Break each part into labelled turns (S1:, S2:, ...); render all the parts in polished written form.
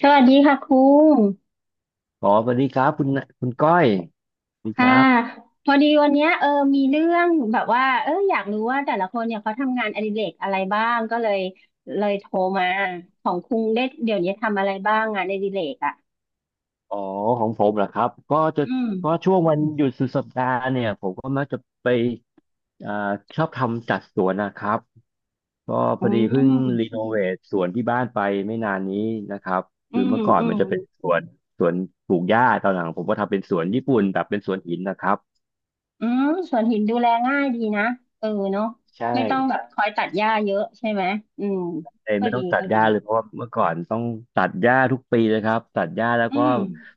S1: สวัสดีค่ะครู
S2: อ๋อสวัสดีครับคุณคุณก้อยสวัสดีค
S1: ค่ะ
S2: รับ
S1: พอดีวันเนี้ยมีเรื่องแบบว่าอยากรู้ว่าแต่ละคนเนี่ยเขาทำงานอดิเรกอะไรบ้างก็เลยโทรมาของครูได้เดี๋ยวนี้ทำอะไรบ้างงานอดิเรกอ่ะ
S2: อ๋อของผมเหรอครับก็จะ
S1: อืม
S2: ก็ช่วงวันหยุดสุดสัปดาห์เนี่ยผมก็มักจะไปอ่าชอบทำจัดสวนนะครับ ก็พ
S1: อื
S2: อดีเพิ่งรี
S1: ม
S2: โนเวทสวนที่บ้านไปไม่นานนี้นะครับ
S1: อื
S2: คือ
S1: ม
S2: เมื่อก่อน
S1: อื
S2: มั
S1: ม
S2: นจะเป็นสวนสวนปลูกหญ้าตอนหลังผมก็ทำเป็นสวนญี่ปุ่นแบบเป็นสวนหินนะครับ
S1: อืมสวนหินดูแลง่ายดีนะเออเนาะ
S2: ใช่
S1: ไม่ต้องแบบคอยตัดหญ้าเยอะใช่ไหมอืม
S2: เลย
S1: ก็
S2: ไม่ต้
S1: ดี
S2: องตัด
S1: ก็
S2: ห
S1: ดี
S2: ญ้าเลยเพราะว่าเมื่อก่อนต้องตัดหญ้าทุกปีเลยครับตัดหญ้าแล้ว
S1: อื
S2: ก็
S1: ม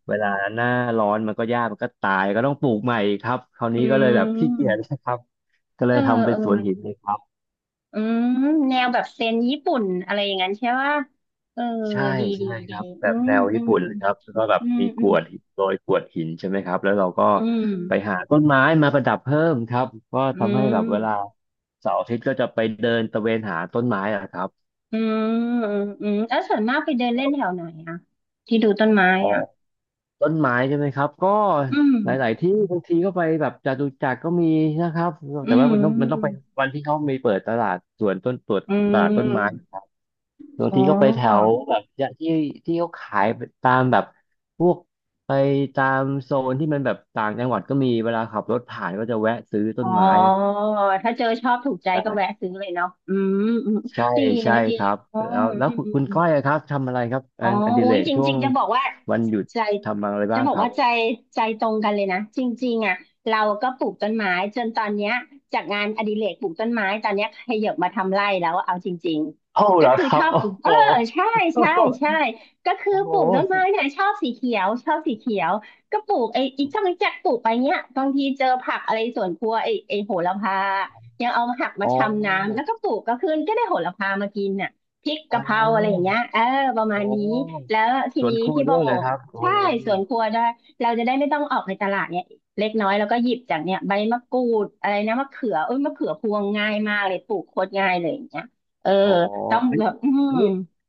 S2: เวลาหน้าร้อนมันก็หญ้ามันก็ตายก็ต้องปลูกใหม่ครับคราว
S1: อื
S2: นี้ก็เลยแบบขี้เกียจ
S1: ม
S2: นะครับก็เล
S1: เอ
S2: ย
S1: อ
S2: ทำเป็
S1: เอ
S2: น
S1: อ
S2: สวนหินเลยครับ
S1: อืมแนวแบบเซนญี่ปุ่นอะไรอย่างนั้นใช่ว่าเออ
S2: ใช่
S1: ดีดี
S2: ใช่ค
S1: ดี
S2: รับแบ
S1: อื
S2: บ
S1: ม
S2: แนว
S1: อื
S2: ญี่
S1: ม
S2: ปุ่น
S1: อื
S2: เลยครับแล้วก็แบบ
S1: ม
S2: มีก
S1: อื
S2: ร
S1: ม
S2: วดหินโรยกรวดหินใช่ไหมครับแล้วเราก็
S1: อืม
S2: ไปหาต้นไม้มาประดับเพิ่มครับก็
S1: อื
S2: ทำให้
S1: ม
S2: แบบเวลาเสาร์อาทิตย์ก็จะไปเดินตะเวนหาต้นไม้อะครับ
S1: อืมอืมอืมแล้วส่วนมากไปเดินเล่นแถวไหนอะที่ดูต้นไม้อะ
S2: ต้นไม้ใช่ไหมครับก็
S1: อืม
S2: หลายๆที่บางทีก็ไปแบบจตุจักรก็มีนะครับ
S1: อื
S2: แต่ว่ามันต้องไป
S1: ม
S2: วันที่เขามีเปิดตลาดสวนต้นตว
S1: อื
S2: ตลาดต้นไม้
S1: ม
S2: ครับบาง
S1: อ๋อ
S2: ทีก็ไปแถวแบบที่ที่ที่เขาขายตามแบบพวกไปตามโซนที่มันแบบต่างจังหวัดก็มีเวลาขับรถผ่านก็จะแวะซื้อต้
S1: อ๋อ
S2: นไม้
S1: ถ้าเจอชอบถูกใจ
S2: ได้
S1: ก็แวะซื้อเลยเนาะอืมอืม
S2: ใช่
S1: ดีนะ
S2: ใช่
S1: ดี
S2: ครับ
S1: อ๋อ
S2: แล้วแล้ว
S1: อื
S2: คุณคุณ
S1: ม
S2: ก้อยอะครับทำอะไรครับ
S1: อ๋
S2: อั
S1: อ
S2: นอดิ
S1: อุ้
S2: เร
S1: ย
S2: ก
S1: จ
S2: ช่ว
S1: ริง
S2: ง
S1: ๆจะบอกว่า
S2: วันหยุด
S1: ใจ
S2: ทำอะไร
S1: จะ
S2: บ้าง
S1: บอก
S2: ครับ
S1: ว่าใจใจตรงกันเลยนะ จริงๆอ่ะเราก็ปลูกต้นไม้จนตอนเนี้ยจากงานอดิเรกปลูกต้นไม้ตอนเนี้ยขยับมาทำไร่แล้วเอาจริง
S2: เอ้า
S1: ๆ ก็
S2: เหรอ
S1: คือ
S2: ค
S1: ช
S2: รับ
S1: อบ
S2: โอ้
S1: ปลูก เอ
S2: โห
S1: อใช่ใช่ใช่ก็คือ
S2: โอ้โห
S1: ปลูกต้นไม้เนี่ยชอบสีเขียวชอบสีเขียว ก็ปลูกไอ้อีช่างจักปลูกไปเนี้ยบางทีเจอผักอะไรสวนครัวไอ้โหระพายังเอามาหักมา
S2: อ๋อ
S1: ชำน้ำแล้วก็ปลูกก็ขึ้นก็ได้โหระพามากินอ่ะ พริก
S2: อ๋
S1: กะ
S2: อ
S1: เพราอะไรอย่างเงี้ยเออประมา
S2: อ๋
S1: ณนี้
S2: อ
S1: แล้วที
S2: สวน
S1: นี้
S2: ครัว
S1: พี่โบ
S2: ด้วยเหครับโอ๋อ
S1: ใช่สวนครัวได้เราจะได้ไม่ต้องออกไปตลาดเนี่ยเล็กน้อยแล้วก็หยิบจากเนี่ยใบมะกรูดอะไรนะมะเขือเอ้ยมะเขือพวงง่ายมากเลยปลูกโคตรง่ายเลยอย่างเงี้ยเออ
S2: ๋อ
S1: ต้อง
S2: อันนี้
S1: แบบอื
S2: อั
S1: ม
S2: นนี้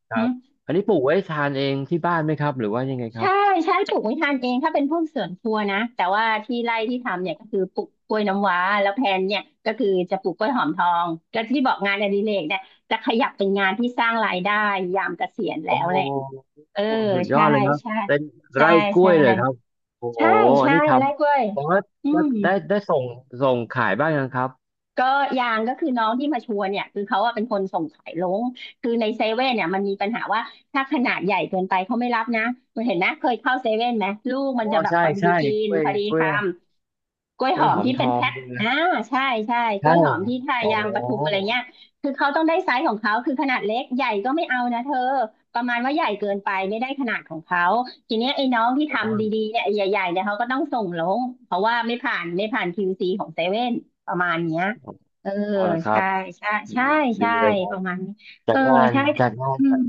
S2: ครั
S1: หึ
S2: บอันนี้ปลูกไว้ทานเองที่บ้านไหมครับหรือว่ายังไงครั
S1: ใช่
S2: บ
S1: ใช่ปลูกไม่ทานเองถ้าเป็นพวกสวนครัวนะแต่ว่าที่ไร่ที่ทำเนี่ยก็คือปลูกกล้วยน้ำว้าแล้วแพลนเนี่ยก็คือจะปลูกกล้วยหอมทอง แล้วที่บอกงานอดิเรกเนี่ยจะขยับเป็นงานที่สร้างรายได้ยามเกษียณแล้
S2: โอ้
S1: ว
S2: โ
S1: แหละ
S2: ห
S1: เออ
S2: สุดยอ
S1: ใช่
S2: ดเลยครับ
S1: ใช่
S2: เป็น
S1: ใช่
S2: ไร่กล้
S1: ใช่
S2: วยเลยครับโอ้โห
S1: ใช่
S2: อัน
S1: ใช่
S2: นี้ท
S1: ไร่กล้วย
S2: ำแต่ว่า
S1: อื
S2: ว่า
S1: ม
S2: ได้ได้ส่งส่งขายบ้างยังครับ
S1: ก็ยางก็คือน้องที่มาชวนเนี่ยคือเขาอะเป็นคนส่งขายลงคือในเซเว่นเนี่ยมันมีปัญหาว่าถ้าขนาดใหญ่เกินไปเขาไม่รับนะมันเห็นนะเคยเข้าเซเว่นไหมลูก
S2: อ๋อ
S1: มันจะแบบ
S2: ใช่
S1: พอดี
S2: ใช่
S1: กิ
S2: ก
S1: น
S2: ล้ว
S1: พ
S2: ย
S1: อดี
S2: กล้วย
S1: คำ กล้วย
S2: กล้
S1: ห
S2: วย
S1: อม
S2: หอม
S1: ที่
S2: ท
S1: เป็น
S2: อง
S1: แพ็ค
S2: ใช่ไหม
S1: อ่าใช่ใช่กล้
S2: ใช่
S1: วยหอมที่ทา
S2: โอ้
S1: ยางปทุมอะไรเงี้ยคือเขาต้องได้ไซส์ของเขาคือขนาดเล็กใหญ่ก็ไม่เอานะเธอประมาณว่าใหญ่เกินไปไม่ได้ขนาดของเขาทีเนี้ยไอ้น้องที่ทำ
S2: โ
S1: ดีๆเนี่ยไอ้ใหญ่ๆเนี่ยเขาก็ต้องส่งลงเพราะว่าไม่ผ่านคิวซีของเซเว่นประมาณเนี้ย
S2: ห
S1: เออ
S2: พอแล้วครั
S1: ใช่
S2: บ
S1: ใช่
S2: ดี
S1: ใช่
S2: ดี
S1: ใช่
S2: เลยครั
S1: ป
S2: บ
S1: ระมาณนี้
S2: จา
S1: เออ
S2: กงาน
S1: ใช่
S2: จากงาน
S1: อืม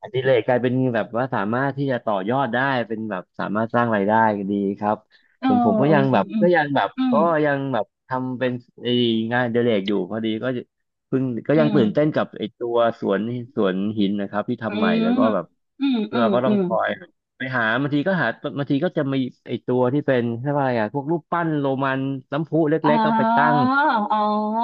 S2: อดิเรกกลายเป็นแบบว่าสามารถที่จะต่อยอดได้เป็นแบบสามารถสร้างรายได้ดีครับ
S1: เออ
S2: ส่วนผมก็
S1: อื
S2: ยั
S1: ม
S2: งแบบก็ยังแบบ
S1: อืม
S2: ก็
S1: อ
S2: ยังแบบทำเป็นไอ้งานอดิเรกอยู่พอดีก็เพิ่งก็
S1: ื
S2: ยังตื่นเต้น
S1: ม
S2: กับไอ้ตัวสวนสวนหินนะครับที่
S1: อื
S2: ทำใหม่
S1: ม
S2: แล้วก็แบบ
S1: อืมอื
S2: เรา
S1: ม
S2: ก็
S1: อืม
S2: ต้
S1: อื
S2: อง
S1: ม
S2: คอยไปหาบางทีก็หาบางทีก็จะมีไอ้ตัวที่เป็นเรียกว่าอะไรอะพวกรูปปั้นโรมันน้ำพุ
S1: อ๋
S2: เล็
S1: อ
S2: กๆก็ไปตั้ง
S1: อ๋ออ๋อ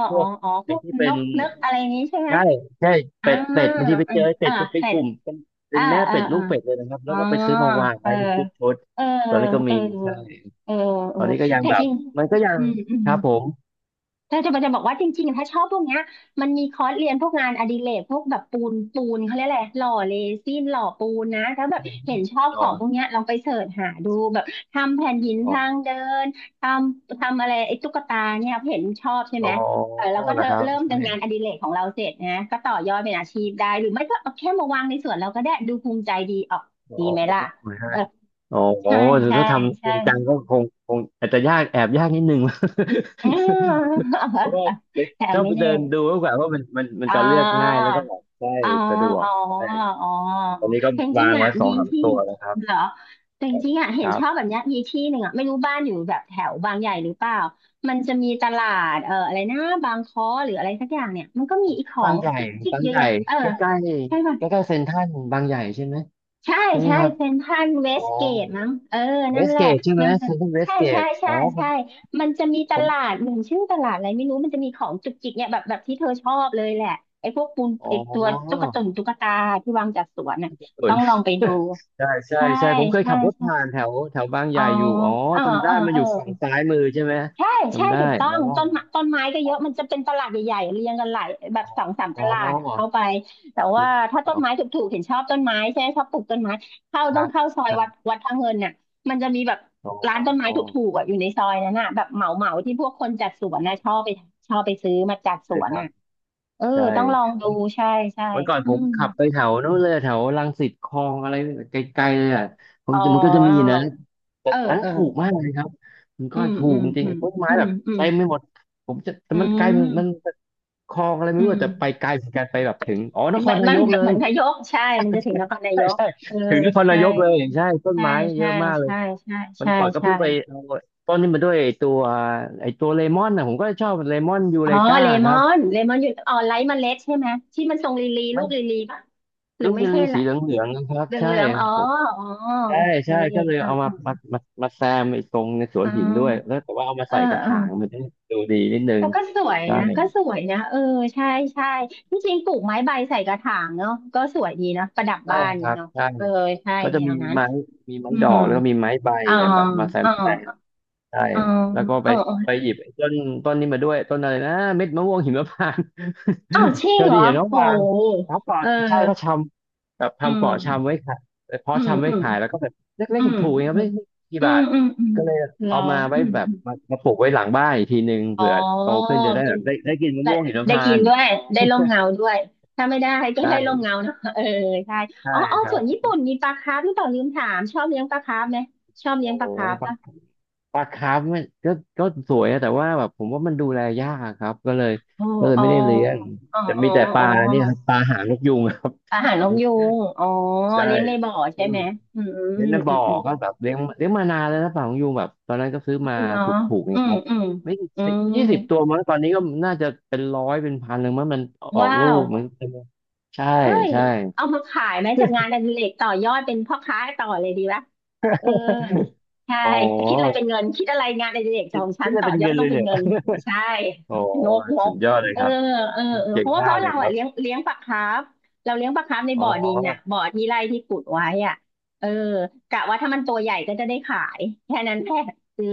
S2: พวก
S1: อ๋อพ
S2: ไอ้
S1: วก
S2: ที่
S1: น
S2: เป็น
S1: กนึกอะไรนี้ใช่ไหม
S2: ใช่ใช่
S1: อ่า
S2: เป็ดเป็ดบางทีไป
S1: อื
S2: เจ
S1: ม
S2: อไอ้เป็
S1: อ่า
S2: ดปุ๊บเป็
S1: เส
S2: น
S1: ร็
S2: ก
S1: จ
S2: ลุ่มเป็นเป็
S1: อ่า
S2: นแม่
S1: อ่า
S2: เป็ดลู
S1: อ่า
S2: กเป็ดเลยนะครับ
S1: อ๋
S2: แล้
S1: อ
S2: วก็ไปซื้อมาวาง
S1: เออ
S2: ไว้เป็นชุดชุด
S1: เออ
S2: ตอนนี้ก็
S1: เออ
S2: มีใช่
S1: เออเอ
S2: ต
S1: อ
S2: อนนี้ก็ยัง
S1: แต่
S2: แบ
S1: จ
S2: บ
S1: ริง
S2: มันก็ยัง
S1: อืมอืม
S2: ครับผม
S1: ถ้าจะมันจะบอกว่าจริงๆถ้าชอบพวกเนี้ยมันมีคอร์สเรียนพวกงานอดิเรกพวกแบบปูนเขาเรียกอะไรหล่อเรซินหล่อปูนนะถ้าแบบเห็นชอบ
S2: อ๋
S1: ข
S2: อ
S1: องพวกเนี้ยลองไปเสิร์ชหาดูแบบทำแผ่นหิน
S2: อ๋อ
S1: ทางเดินททำอะไรไอ้ตุ๊กตาเนี่ยเห็นชอบใช่
S2: อ๋
S1: ไห
S2: อ
S1: มเออเราก็
S2: นะครับ
S1: เริ่ม
S2: ใช่
S1: จากงานอดิเรกของเราเสร็จนะก็ต่อยอดเป็นอาชีพได้หรือไม่ก็เอาแค่มาวางในสวนเราก็ได้ดูภูมิใจดีออก
S2: อ๋อ
S1: ดีไหมล่ะ
S2: ใช่
S1: เออ
S2: อ๋อ
S1: ใช่
S2: ถือ
S1: ใช่
S2: ถ้าทำจ
S1: ใช่
S2: ริงจังก็คงคงอาจจะยากแอบยากนิดนึง
S1: อืม
S2: เพราะว่า ไป
S1: แต่
S2: ชอบ
S1: ไม่
S2: ไป
S1: แน่
S2: เดินดูมากกว่าว่ามันมันมัน
S1: อ่า
S2: จะเลือกง่ายแล้วก็แบบใช่
S1: อ๋อ
S2: สะดวก
S1: อ๋อ
S2: ใช่
S1: อ๋อ
S2: ตอนนี้ก็
S1: แต่จริ
S2: วา
S1: ง
S2: ง
S1: ๆอ่ะ
S2: ไว้สอ
S1: มี
S2: งสาม
S1: ที่
S2: ตัวนะครับ
S1: เหรอแต่จริงๆอ่ะเห็
S2: ค
S1: น
S2: รั
S1: ชอบแบ
S2: บ
S1: บเนี้ยมีที่หนึ่งอ่ะไม่รู้บ้านอยู่แบบแถวบางใหญ่หรือเปล่า มันจะมีตลาดอะไรนะบางค้อหรืออะไรสักอย่างเนี่ยมันก็มีอีขอ
S2: บาง
S1: ง
S2: ใหญ่
S1: จุกจิก
S2: บาง
S1: เยอะ
S2: ใหญ่
S1: แยะเออ
S2: ใกล้ใกล้
S1: ใช่ป่ะ
S2: ใกล้ใกล้ๆเซ็นทรัลบางใหญ่ใช่ไหม
S1: ใช่
S2: ใช่ไหม
S1: ใช่
S2: ครับ
S1: เซ็นทรัลเว
S2: อ๋อ
S1: สเกตมั้งเออ
S2: เว
S1: นั่น
S2: ส
S1: แห
S2: เก
S1: ละ
S2: ตใช่ไหม
S1: มันจะ
S2: เซ็นทรัลเวส
S1: ใช่
S2: เก
S1: ใช่
S2: ต
S1: ใช่
S2: อ๋อ
S1: ใช่มันจะมีต
S2: ผ
S1: ลา
S2: ม
S1: ดหนึ่งชื่อตลาดอะไรไม่รู้มันจะมีของจุกจิกเนี่ยแบบที่เธอชอบเลยแหละไอ้พวกปูน
S2: ผ
S1: ไอ้ตั
S2: ม
S1: ว
S2: อ๋อ
S1: ตุ๊กตาที่วางจัดสวนน่ะ
S2: เอ
S1: ต้อ
S2: น
S1: งลองไปดู
S2: ใช่ใช่
S1: ใช่
S2: ใช่ผมเคย
S1: ใช่
S2: ขับรถ
S1: ใช่
S2: ผ่านแถวแถวบางให
S1: อ๋อ
S2: ญ่อยู่อ๋อ
S1: เออ
S2: จำได้
S1: เออ
S2: มัน
S1: เอ
S2: อ
S1: อ
S2: ยู่ฝั่งซ้ายมือใช่ไหม
S1: ใช่ใช่
S2: จำได้
S1: ถูกต้อ
S2: อ๋
S1: ง
S2: อ
S1: ต้นไม้ต้นไม้ก็เยอะมันจะเป็นตลาดใหญ่ๆเรียงกันหลายแบบสองสามต
S2: อ๋อ
S1: ลาดอ่ะเข้า
S2: อ
S1: ไปแต่ว่าถ้าต้
S2: ๋
S1: น
S2: อ
S1: ไม้ถูกๆเห็นชอบต้นไม้ใช่ไหมชอบปลูกต้นไม้เข้า
S2: ค
S1: ต้อ
S2: รั
S1: ง
S2: บ
S1: เข้าซอย
S2: ครั
S1: วัด
S2: บ
S1: วัดพระเงินน่ะมันจะมีแบบ
S2: อ๋อ
S1: ร้านต้นไม้
S2: อ๋อ
S1: ถูกๆอ่ะอยู่ในซอยนั้นน่ะแบบเหมาเหมาที่พวกคนจัดสวนน่ะชอบไปชอบไปซื้อมาจัดส
S2: เลย
S1: วน
S2: ครับ
S1: น่ะเออ
S2: ใช่
S1: ต้องลองดูใช่ใช่
S2: วันก่อน
S1: อื
S2: ผม
S1: ม
S2: ขับไปแถวนู้นเลยแถวรังสิตคลองอะไรไกลๆเลยอ่ะผม
S1: อ๋อ
S2: มันก็จะมีนะแต่
S1: เออ
S2: อันนั้น
S1: เออ
S2: ถูกมากเลยครับมันก็
S1: อืม
S2: ถู
S1: อื
S2: ก
S1: ม
S2: จริ
S1: อื
S2: ง
S1: ม
S2: ๆต้นไม้
S1: อืม
S2: แบบ
S1: อืม
S2: เต็มไม่หมดผมจะแต่
S1: อื
S2: มันไกลมัน
S1: ม
S2: คลองอะไรไม่
S1: อื
S2: รู้
S1: ม
S2: อะแต่ไปไกลเหมือนกันไปแบบถึงอ๋อนค
S1: มั
S2: ร
S1: น
S2: นา
S1: มัน
S2: ยกเล
S1: เหมื
S2: ย
S1: อนนายกใช่มันจะถึงนครนาย
S2: ใช่
S1: ก
S2: ใช่
S1: เออ
S2: ถึงนครนา
S1: ใช่
S2: ยกเลยใช่ต้น
S1: ใช่
S2: ไม้เย
S1: ใช่
S2: อะมากเลย
S1: ใช่ใช่
S2: มัน
S1: ใช่
S2: ก่อนก็
S1: ใช่
S2: เพิ่งไปเอาต้นนี้มาด้วยไอตัวไอตัวเลมอนนะผมก็ชอบเลมอนยู
S1: อ๋อ
S2: เรกา
S1: เล
S2: ค
S1: ม
S2: รั
S1: อ
S2: บ
S1: นเลมอนอยู่อ๋อไร้เมล็ดใช่ไหมที่มันทรงลีลี
S2: มั
S1: ลู
S2: น
S1: กลีลีป่ะหรือ
S2: ลูก
S1: ไม่
S2: เยล
S1: ใช่
S2: ลี่สี
S1: ละ
S2: เหลืองๆนะครับ
S1: เหลืองเหลื
S2: ใช่
S1: องอ๋ออ๋อ
S2: ใช่
S1: โอเค
S2: ใช่ก็เลย
S1: อ่า
S2: เอามาแซมไอ้ตรงในสว
S1: อ๋
S2: น
S1: อ
S2: หินด้วยแล้วแต่ว่าเอามา
S1: เออ
S2: ใส่กระ
S1: เออ
S2: ถางมันจะดูดีนิดนึ
S1: แต่
S2: ง
S1: ก็สวย
S2: ใช่
S1: นะก็สวยนะเออใช่ใช่ที่จริงปลูกไม้ใบใส่กระถางเนาะก็สวยดีนะประดับ
S2: ใช่
S1: บ้าน
S2: ครับ
S1: เนาะ
S2: ใช่
S1: เออใช่
S2: ก็จะ
S1: แน
S2: มี
S1: วนั้น
S2: ไม้มีไม้
S1: อื
S2: ดอ
S1: ม
S2: กแล้วก็มีไม้ใบ
S1: อ๋อ
S2: แบบมาแซ
S1: อ๋
S2: มแซม
S1: อ
S2: ใช่
S1: อ๋อ
S2: แล้วก็ไป
S1: อ๋อ
S2: ไปหยิบไอ้ต้นต้นนี้มาด้วยต้นอะไรนะเม็ดมะม่วงหิมพานต์
S1: อ้าวชิ่ ง
S2: เธอ
S1: เหร
S2: ไดี
S1: อ
S2: เห็นน้อง
S1: โห
S2: วางเขาปลอ
S1: เ
S2: ดใช่ก็
S1: อ
S2: ช
S1: อ
S2: ำแบบ
S1: อื
S2: ทำเป
S1: ม
S2: ลาะชำไว้ขาย
S1: อื
S2: เพาะ
S1: ม
S2: ชำ
S1: อื
S2: ไว้
S1: ม
S2: ขายแล้วก็แบบเล็
S1: อื
S2: กๆ
S1: ม
S2: ถูกๆเองครั
S1: อื
S2: บ
S1: ม
S2: ไม่กี่
S1: อื
S2: บา
S1: ม
S2: ท
S1: อืมอืม
S2: ก็เลย
S1: เหรอ
S2: เอามาไว้
S1: อืม
S2: แบบ
S1: อืม
S2: มาปลูกไว้หลังบ้านอีกทีหนึ่ง
S1: อ๋อ
S2: เผื่อโตขึ้นจะได้
S1: เป็
S2: แบ
S1: น
S2: บได้กินมะ
S1: ได้
S2: ม่วงหิม
S1: ได้
S2: พา
S1: กิน
S2: นต์
S1: ด้วยได้ร่มเงาด้วยถ้าไม่ได้ก็ได้ร่ม
S2: ได้
S1: เงาเนอะ เออใช่
S2: ใช่
S1: อ๋ออ๋อ
S2: ครั
S1: ส่วน
S2: บ
S1: ญี่ปุ่นมีปลาคาร์ฟหรือเปล่าลืมถามชอบเลี้ยงปลาคาร์ฟไหมชอบ
S2: โอ้
S1: เลี้ยงป
S2: โห
S1: ลาคาร์ฟปะ
S2: ปลาคาร์ฟมันก็สวยอะแต่ว่าแบบผมว่ามันดูแลยากอะครับก็เลย
S1: โอ้
S2: ก็เลย
S1: อ๋อ
S2: ไม่ได้เลี้ยง
S1: อ๋อ
S2: แต่
S1: อ๋อ
S2: มีแต่ป
S1: อ๋
S2: ลา
S1: อ
S2: เนี่ยครับปลาหางนกยูงครับ
S1: อาหารนกยูงอ๋อ
S2: ใช่
S1: เลี้ยงในบ่อใช่
S2: ซึ่ง
S1: ไหมอืม
S2: เลี้ยง
S1: อื
S2: ใน
S1: มอื
S2: บ่
S1: ม
S2: อ
S1: อืม
S2: ก็แบบเลี้ยงมานานแล้วนะปลาหางนกยูงแบบตอนนั้นก็ซื้อมา
S1: เหรอ
S2: ถูกๆเอ
S1: อื
S2: งค
S1: ม
S2: รับ
S1: อืม
S2: ไม่
S1: อื
S2: สิ
S1: ม
S2: 20ตัวมั้งตอนนี้ก็น่าจะเป็นร้อยเป็นพันเลยมั้งมันออก
S1: ว้า
S2: ลู
S1: ว
S2: กมันใช่
S1: เฮ้ย
S2: ใช่
S1: เอามาขายไหมจากงานอดิเรกต่อยอดเป็นพ่อค้าต่อเลยดีปะเออ ใช่
S2: โอ้
S1: แต่คิดอะไรเป็นเงินคิดอะไรงานอดิเรกข
S2: คิ
S1: อ
S2: ด
S1: งฉั
S2: คิ
S1: น
S2: ดอะ
S1: ต่
S2: ไร
S1: อ
S2: เป็น
S1: ยอ
S2: เงิ
S1: ด
S2: น
S1: ต้
S2: เล
S1: อง
S2: ย
S1: เป็น
S2: เนี่ย
S1: เงินใช่
S2: โอ้
S1: งกง
S2: สุ
S1: ก
S2: ดยอดเลย
S1: เออ
S2: ครับ
S1: เออเออเพ
S2: เก่ง
S1: ราะว่าเพ
S2: มาก
S1: ราะ
S2: เลย
S1: เรา
S2: ค
S1: อะ
S2: รับ
S1: เลี้ยงปลาคาร์ฟเราเลี้ยงปลาคาร์ฟใน
S2: อ๋อ
S1: บ่อดินอะบ่อที่ไร่ที่ขุดไว้อะเออกะว่าถ้ามันตัวใหญ่ก็จะได้ขายแค่นั้นแค่เออ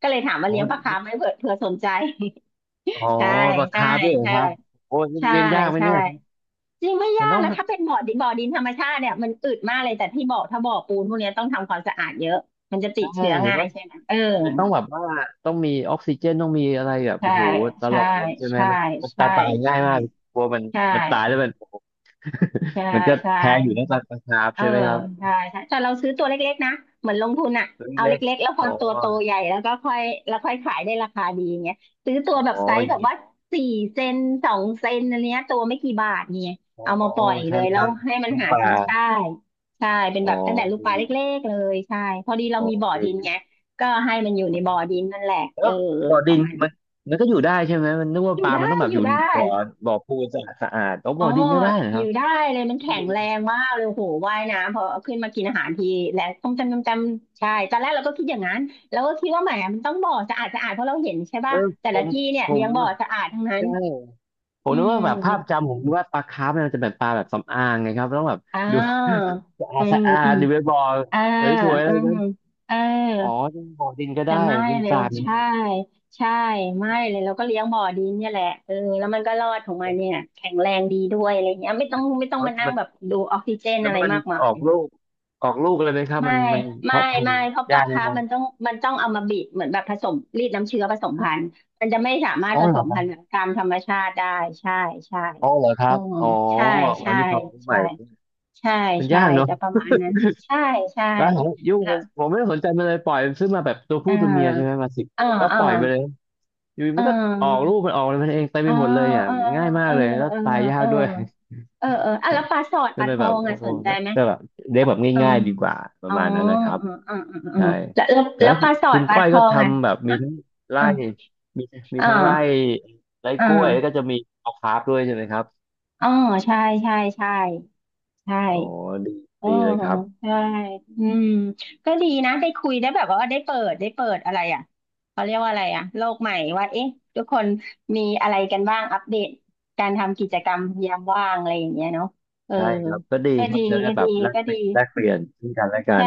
S1: ก็เลยถามว่า
S2: อ๋อ
S1: เลี้ยงปลาคาร์ฟไหมเผื่อสนใจ
S2: อ๋อ
S1: ใช่
S2: ปลา
S1: ใช่
S2: คาร์ฟด้วยเหรอ
S1: ใช่
S2: ครับโอ้ย
S1: ใช่
S2: เลี้ยงยากไหม
S1: ใช่
S2: เนี่ย
S1: จริงไม่
S2: มั
S1: ยา
S2: น
S1: ก
S2: ต้อง
S1: นะถ้าเป็นบ่อดินบ่อดินธรรมชาติเนี่ยมันอึดมากเลยแต่ที่บ่อถ้าบ่อปูนพวกเนี้ยต้องทำความสะอาดเยอะมันจะติด
S2: ใช่
S1: เชื้อ
S2: เห็น
S1: ง่าย
S2: ว่า
S1: ใช่ไหมเออ
S2: มันต้องแบบว่าต้องมีออกซิเจนต้องมีอะไรแบบ
S1: ใช่
S2: โอ้โหต
S1: ใช่
S2: ลอดเลยใช่ไหม
S1: ใช่
S2: มันตา
S1: ใช่
S2: ตายง่าย
S1: ใช่
S2: มากกลัวมัน
S1: ใช่
S2: มันตายแล้วมันโอ้โห
S1: ใช่
S2: มันก็
S1: ใช่
S2: แท้อยู่นะปลาคาร์ฟ
S1: เออ
S2: ใช่ไหมครับ
S1: ใช่ใช่แต่เราซื้อตัวเล็กๆนะเหมือนลงทุนอ่ะ
S2: ตัว
S1: เอา
S2: เล็ก
S1: เล็กๆแล้วพ
S2: ๆ
S1: อ
S2: อ๋อ
S1: ตัวโตใหญ่แล้วก็ค่อยแล้วค่อยขายได้ราคาดีอย่างเงี้ยซื้อตัวแบบ
S2: อ๋อ
S1: ไซ
S2: อ
S1: ส์แบ
S2: ย่าง
S1: บ
S2: งี้
S1: ว่าสี่เซนสองเซนอะไรเงี้ยตัวไม่กี่บาทเนี่ย
S2: อ๋อ
S1: เอามาปล่อยเล
S2: ใช่ไห
S1: ย
S2: ม
S1: แล้
S2: ครั
S1: ว
S2: บ
S1: ให้มัน
S2: ลูก
S1: หา
S2: ปลา
S1: กินใช่ใช่เป็น
S2: อ๋อ
S1: แบบตั้งแต่ลูก
S2: ดี
S1: ปลาเล็กๆเลยใช่พอดี
S2: อ๋
S1: เรา
S2: อ
S1: มีบ่อ
S2: ดี
S1: ดินไงก็ให้มันอยู่
S2: อ๋
S1: ใน
S2: อ
S1: บ่อดินนั่นแหละเอ
S2: แล้
S1: อ
S2: วบ่อ
S1: ป
S2: ดิ
S1: ระ
S2: น
S1: มาณ
S2: มันก็อยู่ได้ใช่ไหมมันนึกว่า
S1: อ
S2: ป
S1: ยู่
S2: ลา
S1: ได้
S2: มันต้องแบบ
S1: อ
S2: อ
S1: ยู่
S2: ยู่
S1: ได้
S2: บ่อบ่อปูนสะอาดสะอาดอ๋อ
S1: อ๋
S2: บ่
S1: อ
S2: อดินก็ได้เหรอ
S1: อ
S2: ครั
S1: ยู่
S2: บ
S1: ได้เลยมันแข็งแรงมากเลยโหว่ายน้ำพอขึ้นมากินอาหารทีแล้วต้มจำต้จำใช่ตอนแรกเราก็คิดอย่างนั้นเราก็คิดว่าแหมมันต้องบ่อสะอาดสะอาดเพราะเราเห็นใช่
S2: เอ
S1: ป่ะ
S2: อ
S1: แต่
S2: ผ
S1: ละ
S2: ม
S1: ที่เนี่ย
S2: ผ
S1: เลี้
S2: ม
S1: ยงบ่อสะอาดทั้งนั้น
S2: ใช่ผ
S1: อื
S2: มนึกว่าแบบ
S1: ม
S2: ภาพจำผมนึกว่าปลาคาร์ฟเนี่ยมันจะแบบปลาแบบสำอางไงครับต้องแบบ
S1: อ่า
S2: ดูสะอา
S1: อื
S2: ด
S1: ม
S2: สะอา
S1: อื
S2: ด
S1: ม
S2: ดูเวบอล
S1: เออ
S2: สวยๆอะ
S1: อื
S2: ไร
S1: ม
S2: กัน
S1: เออ
S2: อ๋อ่บ่อดินก็
S1: แต่
S2: ได้
S1: ไม่
S2: ขึ้น
S1: เล
S2: ท
S1: ย
S2: รายมัน
S1: ใช่ใช่ไม่เลยเราก็เลี้ยงบ่อดินเนี่ยแหละเออแล้วมันก็รอดของมันเนี่ยแข็งแรงดีด้วยอะไรเงี้ยไม่ต้อง
S2: อ๋อ
S1: มานั่ง
S2: มัน
S1: แบบดูออกซิเจน
S2: แล้ว
S1: อะไร
S2: มัน
S1: มากมา
S2: ออ
S1: ย
S2: กลูกออกลูกเลยไหมครับ
S1: ไม่
S2: มัน
S1: ไม่
S2: เพาะพัน
S1: ไม่
S2: ธุ์
S1: เพราะป
S2: ยา
S1: ลา
S2: กไหม
S1: คาร์ฟ
S2: ครับ
S1: มันต้องเอามาบีบเหมือนแบบผสมรีดน้ำเชื้อผสมพันธุ์มันจะไม่สามารถ
S2: อ๋อ
S1: ผส
S2: เหรอ
S1: ม
S2: ครั
S1: พันธุ์แบ
S2: บ
S1: บตามธรรมชาติได้ใช่ใช่
S2: อ๋อเหรอครั
S1: อื
S2: บ
S1: ม
S2: อ๋อ
S1: ใช่
S2: อั
S1: ใช่
S2: นนี้ความรู้ให
S1: ใช่
S2: ม่
S1: ใช่
S2: มัน
S1: ใช่
S2: ยากเนอะ
S1: จะประมาณนั้นใช่ใช่
S2: บ้านของยุ่ง
S1: แล้
S2: ผ
S1: ว
S2: มผมไม่ได้สนใจมันเลยปล่อยมันซื้อมาแบบตัวผู้
S1: เอ่า
S2: ตัวเมียใช่ไหมมาสิบ
S1: อ่า
S2: ตัวแล้ว
S1: อ่า
S2: ปล่อยไปเลย อยู่
S1: อ่
S2: มันก็ออก
S1: า
S2: ลูกมันออกอะไรมันเองเต็มไป
S1: อ่า
S2: หมดเลยเนี่ย
S1: อ่า
S2: ง่ายมา
S1: เอ
S2: ก
S1: อ
S2: เลยแล้ว
S1: เออ
S2: ตายยา
S1: เอ
S2: ก
S1: อ
S2: ด้วย
S1: เออเอออ่ะแล้ว ปลาสอดป
S2: ก็
S1: ลา
S2: เล
S1: ท
S2: ยแบ
S1: อ
S2: บ
S1: ง
S2: โอ้
S1: อ่ะ
S2: โห
S1: สนใจไหม
S2: ก็แบบเลี้ยงแบบ
S1: อื
S2: ง่า
S1: ม
S2: ยๆดีกว่าป
S1: อ๋
S2: ระ
S1: อ
S2: มาณนั้นนะครับ
S1: อืมอืมอืมอื
S2: ใช่
S1: มแล้วแล้ว
S2: แล้
S1: แล้
S2: ว
S1: วป
S2: คุ
S1: ลา
S2: ณ
S1: สอ
S2: คุ
S1: ด
S2: ณ
S1: ปลา
S2: ก้อย
S1: ท
S2: ก็
S1: องอ่ะ
S2: ทำแบบมีทั้งไร่
S1: อ่า
S2: มีมี
S1: อ่
S2: ทั้งไร่
S1: า
S2: ไร่
S1: อ่า
S2: กล้วยแล้วก็จะมีเอาคาร์ฟด้วยใช่ไหมครับ
S1: อ๋อใช่ใช่ใช่ใช่
S2: โอ้ดี
S1: อ๋อ
S2: ดีเลยครับ
S1: ใช่อืมก็ดีนะได้คุยได้แบบว่าได้เปิดอะไรอ่ะเขาเรียกว่าอะไรอ่ะโลกใหม่ว่าเอ๊ะทุกคนมีอะไรกันบ้างอัปเดตการทำกิจกรรมยามว่างอะไรอย่างเงี้ยเนาะเออ
S2: ใช่ครับก็ดี
S1: ก็
S2: ครั
S1: ดี
S2: บจะได้
S1: ก็
S2: แบ
S1: ดี
S2: บแลก
S1: ก็
S2: เป
S1: ดี
S2: ลี่ยนแลกเปลี่ยนซึ่งกันและกั
S1: ใช่
S2: น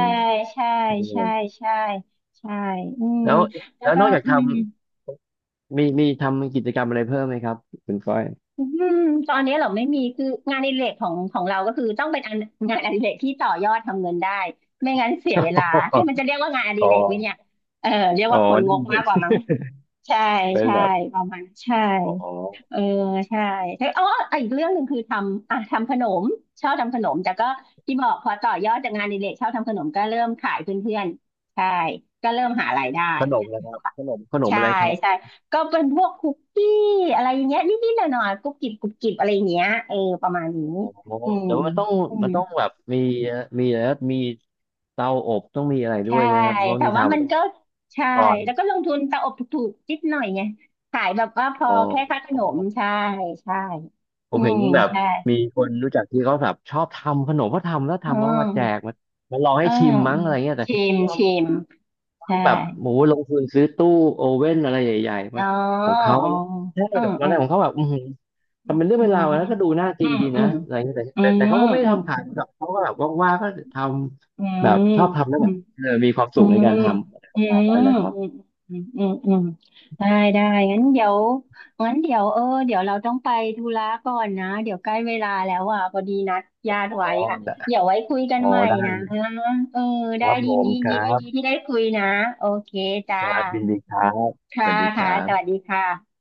S1: ใช่
S2: ใช่เล
S1: ใช่
S2: ย
S1: ใช่ใช่อืม
S2: แล้ว
S1: แล้ว
S2: แล้ว
S1: ก็
S2: นอกจาก
S1: อื
S2: ท
S1: ม
S2: ำมีทำกิจกรรมอะไรเพิ่มไหมครับคุณก้อย
S1: อืมตอนนี้เราไม่มีคืองานอดิเรกของของเราก็คือต้องเป็นอันงานอดิเรกที่ต่อยอดทำเงินได้ไม่งั้นเสียเวลาให้มันจะเรียกว่างานอดิ
S2: อ๋อ
S1: เรกไหมเนี่ยเออเรียก
S2: อ๋อ
S1: ว่าคนง
S2: นี่
S1: ก
S2: มันเป็
S1: มาก
S2: น
S1: กว่ามั้งใช่
S2: เป็น
S1: ใช่
S2: แบบ
S1: ประมาณนั้นใช่
S2: อ๋อ
S1: เออใช่เอ้ยอ๋ออีกเรื่องหนึ่งคือทำอ่ะทำขนมชอบทำขนมแต่ก็ที่บอกพอต่อยอดจากงานอดิเรกชอบทำขนมก็เริ่มขายเพื่อนๆใช่ก็เริ่มหารายได้
S2: ขนมนะครับขนม
S1: ใช่
S2: อะไรครั
S1: ใช่
S2: บ
S1: ก็เป็นพวกคุกกี้อะไรอย่างเงี้ยนิดๆหน่อยๆกรุบกริบกรุบกริบอะไรอย่างเงี้ยเออประมาณนี้
S2: อ๋อ
S1: อืม
S2: แต่ว่ามันต้อง
S1: อืม
S2: มันต้องแบบมีอะไรนะมีเตาอบต้องมีอะไรด้
S1: ใช่
S2: วยใช่ไหมครับเพราะ
S1: แต่
S2: นิ
S1: ว่า
S2: ทานมั
S1: มั
S2: น
S1: น
S2: ต้อง
S1: ก็
S2: มี
S1: ใช่
S2: ก่อน
S1: แล้วก็ลงทุนตะอบถูกๆนิดหน่อยไงขายแบบว่าพอ
S2: อ๋อ
S1: แค่ค่าข
S2: อ๋อ
S1: นมใช่ใช่
S2: ผ
S1: อื
S2: มเห็
S1: ม
S2: นแบบ
S1: ใช่
S2: มีคนรู้จักที่เขาแบบชอบทำขนมเขาทำแล้ว
S1: อื
S2: ทำแล้วมาแจก
S1: ม
S2: มามาลอง
S1: เอ
S2: ให้
S1: อ
S2: ชิม
S1: อื
S2: มั้งอะ
S1: ม
S2: ไรเงี้ยแต่ท
S1: ชิมชิม
S2: ำ
S1: ใช่
S2: ทำแบบโหมูลงทุนซื้อตู้โอเว่นอะไรใหญ่ๆ
S1: อ๋
S2: มา
S1: อ
S2: ของเขา
S1: อ๋อ
S2: แล้วใช่
S1: อื
S2: แบ
S1: ม
S2: บ
S1: อื
S2: อะไร
S1: ม
S2: ของเขาแบบ ทำเป็นเรื่อง
S1: อื
S2: เป็น
S1: ม
S2: ราวนะก็ดูน่า
S1: อื
S2: กิน
S1: ม
S2: ดี
S1: อื
S2: นะ
S1: ม
S2: อะไรเงี้ยแต่
S1: อื
S2: แต่แต่เขา
S1: ม
S2: ก็ไม่ได้
S1: อืม
S2: ทำขายแบบเขาก็แบบว่างๆก็ท
S1: อื
S2: ำแบบ
S1: ม
S2: ชอบทำแล้ว
S1: อื
S2: แบ
S1: ม
S2: บเออมีความ
S1: อื
S2: สุขใน
S1: ม
S2: การทำอะไรป
S1: อื
S2: ระมาณนั้น
S1: ม
S2: นะครับ
S1: อืมอืมอืมอืมอืมได้ ได้งั้นเดี๋ยวงั้นเดี๋ยวเออเดี๋ยวเราต้องไปธุระก่อนนะ เดี๋ยวใกล้เวลาแล้วอ่ะพอดีนัดญาติ
S2: อ๋อ
S1: ไว้อ่ะ
S2: ได้
S1: เดี๋ยวไว้คุยกัน
S2: อ๋อ
S1: ใหม่
S2: ได้
S1: นะ
S2: เลย
S1: เออ
S2: ค
S1: ได้
S2: รับ
S1: ดี
S2: ผม
S1: ดี
S2: ค
S1: ดี
S2: รั
S1: ดี
S2: บ
S1: ดีที่ได้คุยนะ โอเคจ้า
S2: ครับยินดีครับส
S1: ค่ะ
S2: วัสดีค
S1: ค่ะ
S2: รั
S1: ส
S2: บ
S1: วัสดีค่ะ